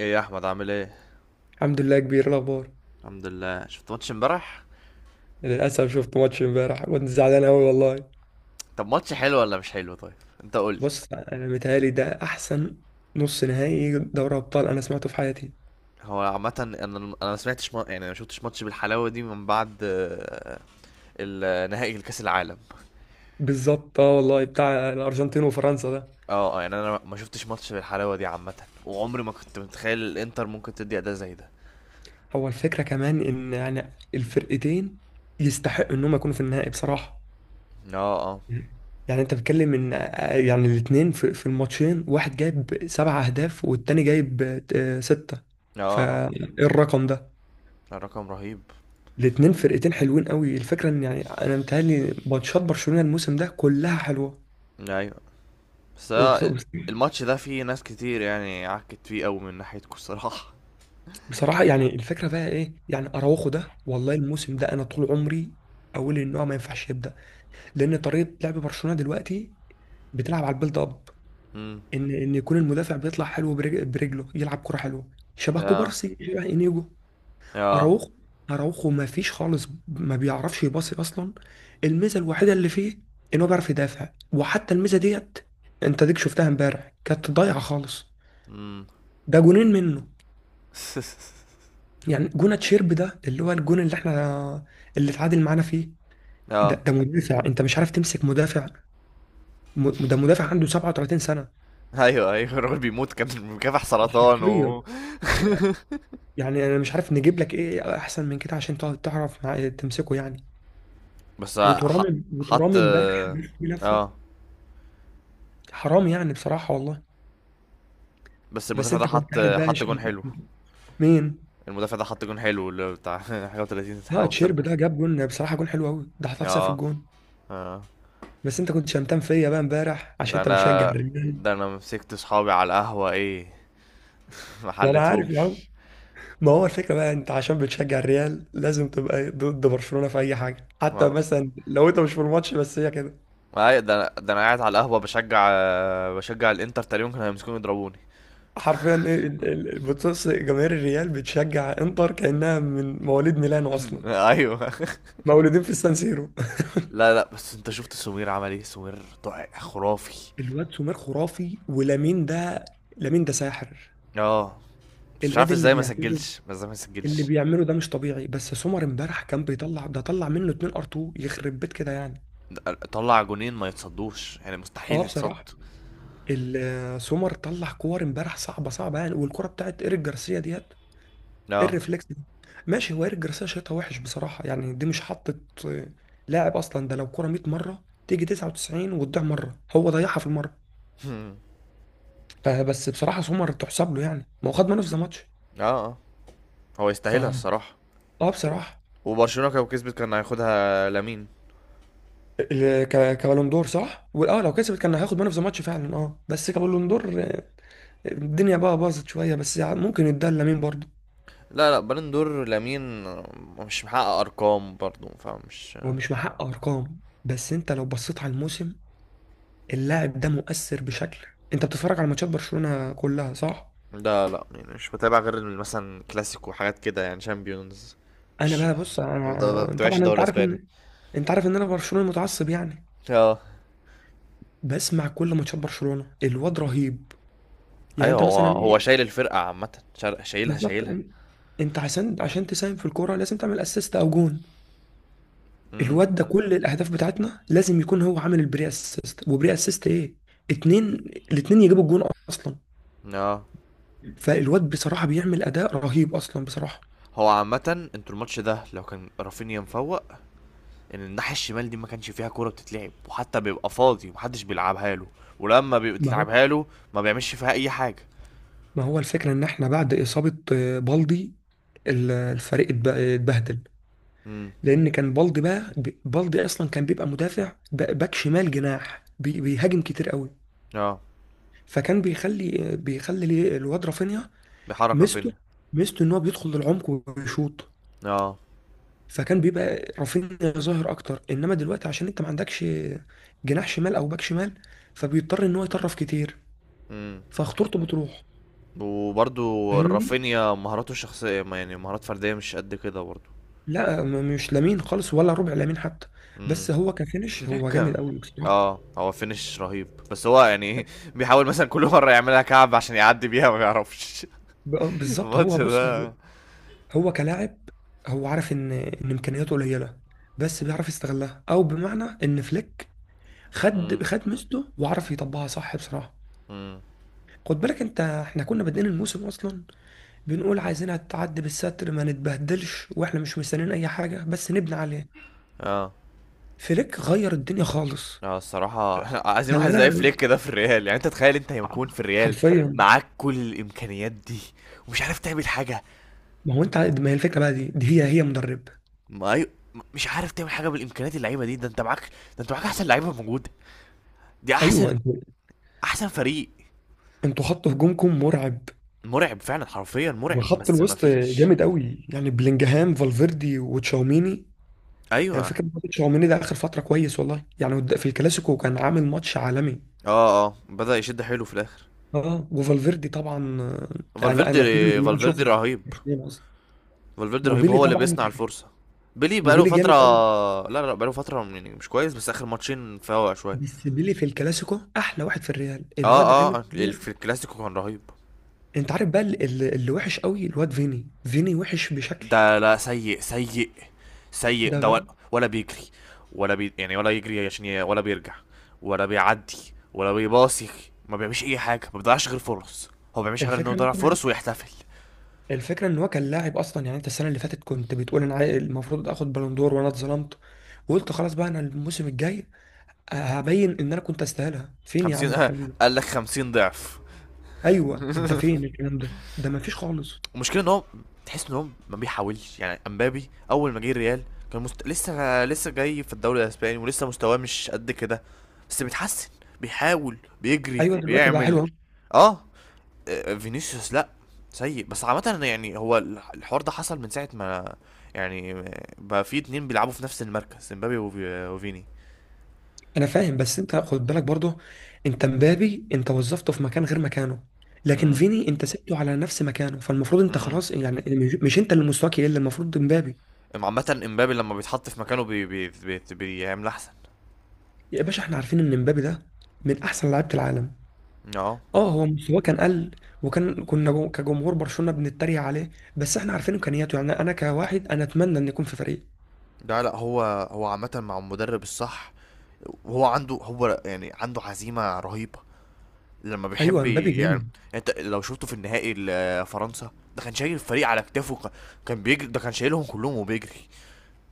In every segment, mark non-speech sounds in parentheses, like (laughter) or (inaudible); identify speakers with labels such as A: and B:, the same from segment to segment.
A: ايه يا احمد عامل ايه؟
B: الحمد لله كبير. إيه الاخبار؟
A: الحمد لله. شفت ماتش امبارح؟
B: للاسف شفت ماتش امبارح، كنت زعلان قوي والله.
A: طب ماتش حلو ولا مش حلو؟ طيب انت قول لي.
B: بص، انا متهيألي ده احسن نص نهائي دوري ابطال انا سمعته في حياتي.
A: هو عامة انا ما سمعتش ما شفتش ماتش بالحلاوة دي من بعد نهائي الكاس العالم.
B: بالظبط، اه والله، بتاع الارجنتين وفرنسا ده.
A: يعني انا ما شفتش ماتش بالحلاوة دي عامة، وعمري ما كنت متخيل الانتر ممكن تدي اداء زي ده.
B: هو الفكره كمان ان يعني الفرقتين يستحقوا انهم يكونوا في النهائي بصراحه.
A: اه اه.
B: يعني انت بتتكلم ان يعني الاثنين في الماتشين واحد جايب سبع اهداف والتاني جايب سته.
A: اه اه.
B: فالرقم ده
A: لا، رقم رهيب.
B: الاتنين فرقتين حلوين قوي. الفكره ان يعني انا متهيألي ماتشات برشلونه الموسم ده كلها حلوه.
A: ايوه. بس آه،
B: وبص-
A: الماتش ده فيه ناس كتير يعني عكت فيه قوي من ناحيتكم الصراحة.
B: بصراحه يعني الفكره بقى ايه؟ يعني اراوخو ده والله الموسم ده، انا طول عمري اقول ان هو ما ينفعش يبدا، لان طريقه لعب برشلونه دلوقتي بتلعب على البيلد اب،
A: امم.
B: ان يكون المدافع بيطلع حلو، برجله يلعب كره حلوه
A: (laughs)
B: شبه
A: اه
B: كوبارسي شبه انيجو.
A: اه.
B: اراوخو، اراوخو ما فيش خالص، ما بيعرفش يباصي اصلا. الميزه الوحيده اللي فيه ان هو بيعرف يدافع، وحتى الميزه ديت انت ديك شفتها امبارح كانت ضايعه خالص.
A: امم.
B: ده جونين منه،
A: (laughs)
B: يعني جون تشيرب ده اللي هو الجون اللي احنا، اللي اتعادل معانا فيه. ده
A: اه.
B: ده مدافع انت مش عارف تمسك مدافع. ده مدافع عنده 37 سنه،
A: (laughs) ايوه ايوه، الراجل بيموت، كان مكافح سرطان
B: وحرفيا يعني انا مش عارف نجيب لك ايه احسن من كده عشان تقعد تعرف تمسكه يعني.
A: بس ح-
B: وترام،
A: حط.
B: وترام امبارح لف لفه،
A: اه.
B: حرام يعني بصراحه والله.
A: بس
B: بس
A: المدافع ده
B: انت كنت
A: حط
B: قاعد بقى،
A: حط جون حلو.
B: مين؟
A: المدافع ده حط جون حلو اللي بتاع (laughs) حاجه و30، حاجه
B: اه، تشيرب
A: و30
B: ده جاب جون بصراحه، جون حلو قوي، ده حطها في سقف
A: اه.
B: الجون.
A: اه.
B: بس انت كنت شمتان فيا بقى امبارح عشان
A: ده
B: انت بتشجع
A: انا
B: الريال.
A: ده انا مسكت صحابي على القهوه، ايه. (laughs) ما
B: ما انا عارف يا عم.
A: حلتهمش.
B: ما هو الفكره بقى انت عشان بتشجع الريال لازم تبقى ضد برشلونه في اي حاجه، حتى
A: ما
B: مثلا لو انت مش في الماتش بس هي كده.
A: ده انا قاعد على القهوه بشجع الانتر، تقريبا كانوا هيمسكوني يضربوني.
B: حرفيا، ايه بتص جماهير الريال بتشجع انتر كانها من مواليد ميلانو اصلا،
A: (laughs) ايوه.
B: مولودين في السان سيرو.
A: لا لا، بس انت شفت سمير عمل ايه؟ سمير خرافي.
B: الواد سومير خرافي، ولامين ده، لامين ده ساحر.
A: اه، بس مش
B: الواد
A: عارف
B: اللي
A: ازاي ما
B: بيعمله،
A: سجلش، بس ازاي ما
B: اللي
A: سجلش.
B: بيعمله ده مش طبيعي. بس سمر امبارح كان بيطلع، ده طلع منه اتنين ار 2، يخرب بيت كده يعني.
A: طلع جونين ما يتصدوش، يعني
B: اه
A: مستحيل يتصد.
B: بصراحه، سمر طلع كور امبارح صعبه صعبه يعني، والكره بتاعت ايريك جارسيا ديت، إيه
A: اه.
B: الريفلكس دي؟ ماشي، هو ايريك جارسيا شايطها وحش بصراحه، يعني دي مش حطت آه، لاعب اصلا ده، لو كره 100 مره تيجي 99 وتضيع مره، هو ضيعها في المره.
A: (laughs) هم.
B: فبس بصراحه سمر تحسب له، يعني ما هو خد مان اوف ذا ماتش.
A: اه آه. هو
B: ف
A: يستاهلها الصراحه.
B: اه بصراحه.
A: وبرشلونه لو كسبت كان هياخدها لامين.
B: كبالون دور صح؟ واه، لو كسبت كان هياخد مان اوف ذا ماتش فعلا. اه بس كبالون دور الدنيا بقى باظت شوية، بس ممكن يدار لمين برضه.
A: لا لا، بالندور لامين مش محقق ارقام برضه، فمش.
B: هو مش محقق أرقام، بس أنت لو بصيت على الموسم، اللاعب ده مؤثر بشكل. أنت بتتفرج على ماتشات برشلونة كلها صح؟
A: لا لا يعني مش بتابع غير مثلا كلاسيكو وحاجات كده، يعني شامبيونز.
B: أنا
A: مش
B: بقى، بص،
A: ما
B: أنا
A: بتابعش
B: طبعا،
A: الدوري
B: أنت عارف
A: الاسباني.
B: إن أنت عارف إن أنا برشلونة متعصب يعني.
A: اه.
B: بسمع كل ماتشات برشلونة، الواد رهيب. يعني
A: ايوه،
B: أنت مثلا
A: هو
B: إيه.
A: هو شايل الفرقه عامه، شايلها
B: بالظبط،
A: شايلها
B: أنت عشان تساهم في الكورة لازم تعمل أسيست أو جون.
A: امم.
B: الواد ده كل الأهداف بتاعتنا لازم يكون هو عامل البري أسيست. وبري أسيست إيه؟ اتنين الاتنين يجيبوا الجون اصلا.
A: اه.
B: فالواد بصراحة بيعمل أداء رهيب أصلا بصراحة.
A: هو عامة انتوا الماتش ده لو كان رافينيا مفوق، ان الناحية الشمال دي ما كانش فيها كورة بتتلعب، وحتى بيبقى فاضي ومحدش بيلعبها له، ولما
B: ما هو
A: بيتلعبها له ما بيعملش فيها أي حاجة.
B: ما هو الفكرة إن إحنا بعد إصابة بالدي، الفريق اتبهدل.
A: امم.
B: لأن كان بالدي بقى، بالدي أصلا كان بيبقى مدافع، باك شمال جناح، بيهاجم كتير قوي،
A: اه،
B: فكان بيخلي ليه الواد رافينيا.
A: بيحرك
B: ميزته
A: رافينيا.
B: ميزته إن هو بيدخل للعمق ويشوط.
A: اه.
B: فكان بيبقى رافينيا ظاهر أكتر، إنما دلوقتي عشان أنت ما عندكش جناح شمال أو باك شمال، فبيضطر إن هو يطرف كتير،
A: امم.
B: فخطورته بتروح.
A: وبرضو
B: فاهمني؟
A: رافينيا مهاراته الشخصية، ما يعني مهارات فردية مش قد كده برضو.
B: لا، مش لامين خالص ولا ربع لامين حتى،
A: امم.
B: بس هو
A: (laughs)
B: كفينش هو
A: ك-
B: جامد قوي بصراحه.
A: اه، هو فينش رهيب، بس هو يعني (laughs) ايه، بيحاول مثلا كل مرة يعملها كعب عشان يعدي بيها، ما بيعرفش. (laughs)
B: بالظبط.
A: الماتش
B: هو بص،
A: ده.
B: هو كلاعب هو عارف ان امكانياته قليله، بس بيعرف يستغلها، او بمعنى ان فليك خد
A: امم.
B: خد ميزته وعرف يطبقها صح بصراحه.
A: امم.
B: خد بالك انت، احنا كنا بادئين الموسم اصلا بنقول عايزينها تعدي بالستر ما نتبهدلش، واحنا مش مستنيين اي حاجه بس نبني عليه.
A: اه.
B: فليك غير الدنيا خالص،
A: اه الصراحة، (laughs) عايزين واحد
B: خلانا
A: زي فليك كده في الريال. يعني انت تخيل انت يكون في الريال
B: حرفيا.
A: معاك كل الامكانيات دي، ومش عارف تعمل حاجة.
B: ما هو انت عاد- ما هي الفكره بقى؟ دي هي مدرب.
A: ما أي... مش عارف تعمل حاجة بالامكانيات اللعيبة دي. ده انت معاك احسن لعيبة موجودة. دي
B: ايوه،
A: احسن،
B: انتوا
A: احسن فريق.
B: انتوا خط هجومكم مرعب،
A: مرعب فعلا، حرفيا مرعب،
B: وخط
A: بس ما
B: الوسط
A: فيش.
B: جامد قوي، يعني بلينجهام، فالفيردي، وتشاوميني. يعني
A: ايوه.
B: الفكره برضه تشاوميني ده اخر فتره كويس والله، يعني في الكلاسيكو كان عامل ماتش عالمي.
A: اه اه، بدأ يشد حيله في الاخر.
B: اه، وفالفيردي طبعا انا
A: فالفيردي.
B: انا اتمنى ان انا
A: فالفيردي
B: اشوفه في
A: رهيب.
B: برشلونه اصلا.
A: فالفيردي رهيب،
B: وبيلي
A: هو اللي
B: طبعا،
A: بيصنع الفرصة. بيلي بقاله
B: وبيلي
A: فترة.
B: جامد قوي.
A: لا لا، بقاله فترة يعني مش كويس، بس آخر ماتشين فاوق شوية.
B: بس بيلي في الكلاسيكو احلى واحد في الريال، الواد
A: اه
B: عامل.
A: اه، في الكلاسيكو كان رهيب.
B: انت عارف بقى، اللي وحش قوي الواد فيني، فيني وحش بشكل.
A: ده لا، سيء سيء. سيء
B: ده
A: ده،
B: بقى،
A: ولا بيجري، ولا بي يعني ولا يجري ولا بيرجع، ولا بيعدي، ولا بيباصي، ما بيعملش اي حاجه، ما بيضيعش غير فرص. هو ما بيعملش غير انه
B: الفكرة
A: يضيع
B: مثلا
A: فرص ويحتفل.
B: الفكرة ان هو كان لاعب اصلا، يعني انت السنة اللي فاتت كنت بتقول انا المفروض اخد بالندور وانا اتظلمت، وقلت خلاص بقى انا الموسم الجاي هبين ان انا كنت استاهلها. فين يا
A: 50،
B: عم الكلام ده؟
A: (laughs) قال لك 50 ضعف.
B: ايوه، انت فين الكلام ده؟ ده مفيش خالص.
A: المشكله ان هو، تحس ان هو ما بيحاولش. يعني امبابي اول ما جه الريال، لسه جاي في الدوري الاسباني، ولسه مستواه مش قد كده، بس بيتحسن، بيحاول، بيجري،
B: ايوه دلوقتي بقى
A: بيعمل.
B: حلو أهو.
A: اه. فينيسيوس لا، سيء. بس عامة يعني هو الحوار ده حصل من ساعة ما، يعني بقى في اتنين بيلعبوا في نفس المركز، امبابي وفيني.
B: انا فاهم، بس انت خد بالك برضه، انت مبابي انت وظفته في مكان غير مكانه، لكن
A: امم.
B: فيني انت سبته على نفس مكانه، فالمفروض انت
A: امم.
B: خلاص يعني مش انت اللي مستواك يقل، المفروض مبابي.
A: عامة امبابي لما بيتحط في مكانه بي بي بي بيعمل احسن.
B: يا باشا، احنا عارفين ان مبابي ده من احسن لعيبة العالم.
A: اه.
B: اه، هو مستواه كان قل، وكان كنا كجمهور برشلونه بنتريق عليه، بس احنا عارفين امكانياته، يعني انا كواحد انا اتمنى ان يكون في فريق.
A: لا لا، هو عامة مع المدرب الصح، وهو عنده، هو يعني عنده عزيمة رهيبة لما
B: ايوه
A: بيحب
B: مبابي
A: يعني.
B: جامد.
A: انت لو شفته في النهائي فرنسا ده، كان شايل الفريق على كتافه، كان بيجري، ده كان شايلهم كلهم وبيجري.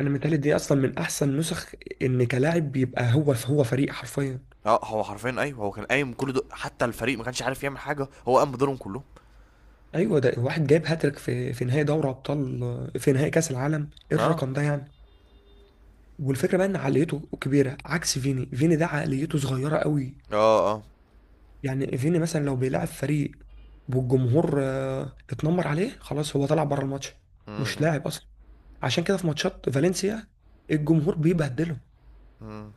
B: انا متهيألي دي اصلا من احسن نسخ، ان كلاعب بيبقى هو فريق حرفيا.
A: اه، هو حرفيا، ايوه، هو كان قايم كل دول، حتى الفريق ما كانش عارف يعمل حاجه، هو قام بدورهم كلهم.
B: ايوه، ده واحد جايب هاتريك في نهائي دوري ابطال، في نهائي كاس العالم، ايه
A: اه.
B: الرقم ده يعني؟ والفكره بقى ان عقليته كبيره عكس فيني. فيني ده عقليته صغيره قوي.
A: اه. اه.
B: يعني فيني مثلا لو بيلعب فريق والجمهور اتنمر عليه، خلاص هو طلع بره الماتش،
A: م-
B: مش
A: م-
B: لاعب اصلا. عشان كده في ماتشات فالنسيا الجمهور بيبهدلهم.
A: م.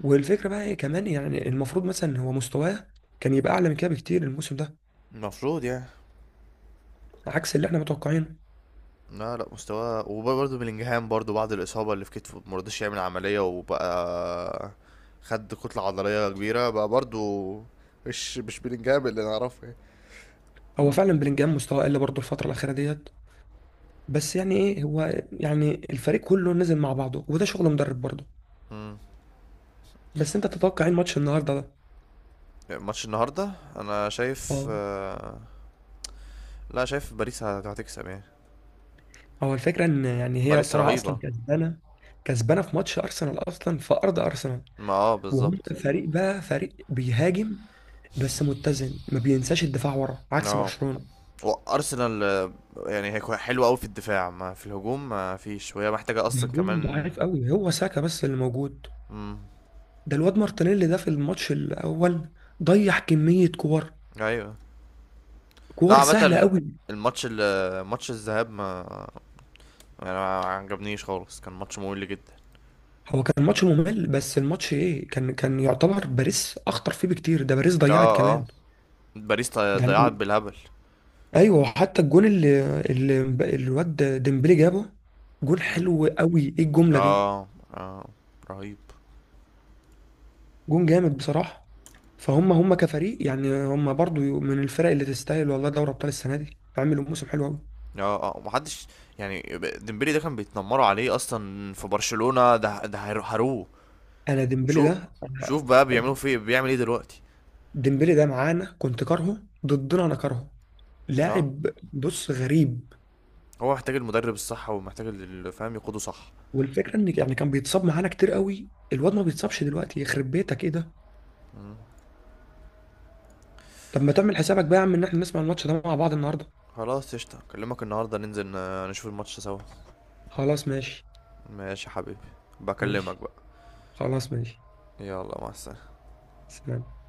B: والفكره بقى ايه كمان، يعني المفروض مثلا هو مستواه كان يبقى اعلى من كده بكتير الموسم ده،
A: المفروض يعني.
B: عكس اللي احنا متوقعينه.
A: لا لا، مستواه، وبرضه بلينجهام برضه بعد الاصابه اللي في كتفه ما رضاش يعمل عمليه، وبقى خد كتله عضليه كبيره بقى برضه، مش بلينجهام اللي نعرفه يعني.
B: هو فعلا بلينجهام مستواه قل برضه الفتره الاخيره ديت، بس يعني ايه، هو يعني الفريق كله نزل مع بعضه وده شغل مدرب برضه.
A: م.
B: بس انت تتوقع ايه الماتش النهارده ده؟
A: ماتش النهارده، انا شايف
B: اه،
A: لا، شايف باريس هتكسب يعني.
B: هو الفكره ان يعني هي
A: باريس
B: طالعه اصلا
A: رهيبه.
B: كسبانه، كسبانه في ماتش ارسنال اصلا في ارض ارسنال.
A: ما اه
B: وهم
A: بالظبط.
B: فريق بقى، فريق بيهاجم بس متزن، ما بينساش الدفاع ورا عكس
A: اه،
B: برشلونة.
A: وارسنال يعني هي حلوه قوي في الدفاع، ما في الهجوم ما فيش، وهي محتاجه اصلا
B: هجومه
A: كمان.
B: ضعيف قوي، هو ساكا بس اللي موجود.
A: مم.
B: ده الواد مارتينيلي ده في الماتش الاول ضيع كمية كور،
A: ايوه. لا
B: كور سهلة
A: عامه،
B: قوي.
A: الماتش ماتش الذهاب، ما يعني ما عجبنيش خالص، كان ماتش ممل جدا.
B: هو كان ماتش ممل، بس الماتش ايه، كان يعتبر باريس اخطر فيه بكتير، ده باريس ضيعت
A: اه اه،
B: كمان
A: باريس
B: ده
A: ضيعت
B: يعني.
A: بالهبل.
B: ايوه، حتى الجون اللي الواد ديمبلي جابه، جون
A: مم.
B: حلو قوي، ايه الجملة دي؟
A: اه. اه. رهيب.
B: جون جامد بصراحة. فهم كفريق، يعني هم برضو من الفرق اللي تستاهل والله، دوري ابطال السنة دي عملوا موسم حلو قوي.
A: اه اه، محدش يعني، ديمبلي ده كان بيتنمروا عليه اصلا في برشلونة، ده هروه.
B: انا ديمبلي
A: شو
B: ده، أنا
A: شوف بقى بيعملوا فيه، بيعمل ايه دلوقتي.
B: ديمبلي ده معانا كنت كارهه، ضدنا انا كارهه
A: اه،
B: لاعب، بص غريب.
A: هو محتاج المدرب الصح، ومحتاج اللي فاهم يقوده صح.
B: والفكرة ان يعني كان بيتصاب معانا كتير قوي، الواد ما بيتصابش دلوقتي، يخرب بيتك ايه ده.
A: مم.
B: طب ما تعمل حسابك بقى يا عم ان احنا نسمع الماتش ده مع بعض النهارده.
A: خلاص، قشطة، اكلمك النهاردة، ننزل نشوف الماتش سوا.
B: خلاص ماشي،
A: ماشي يا حبيبي. بكلمك
B: ماشي.
A: بقى.
B: خلاص ماشي.
A: يلا، مع السلامة.
B: سلام.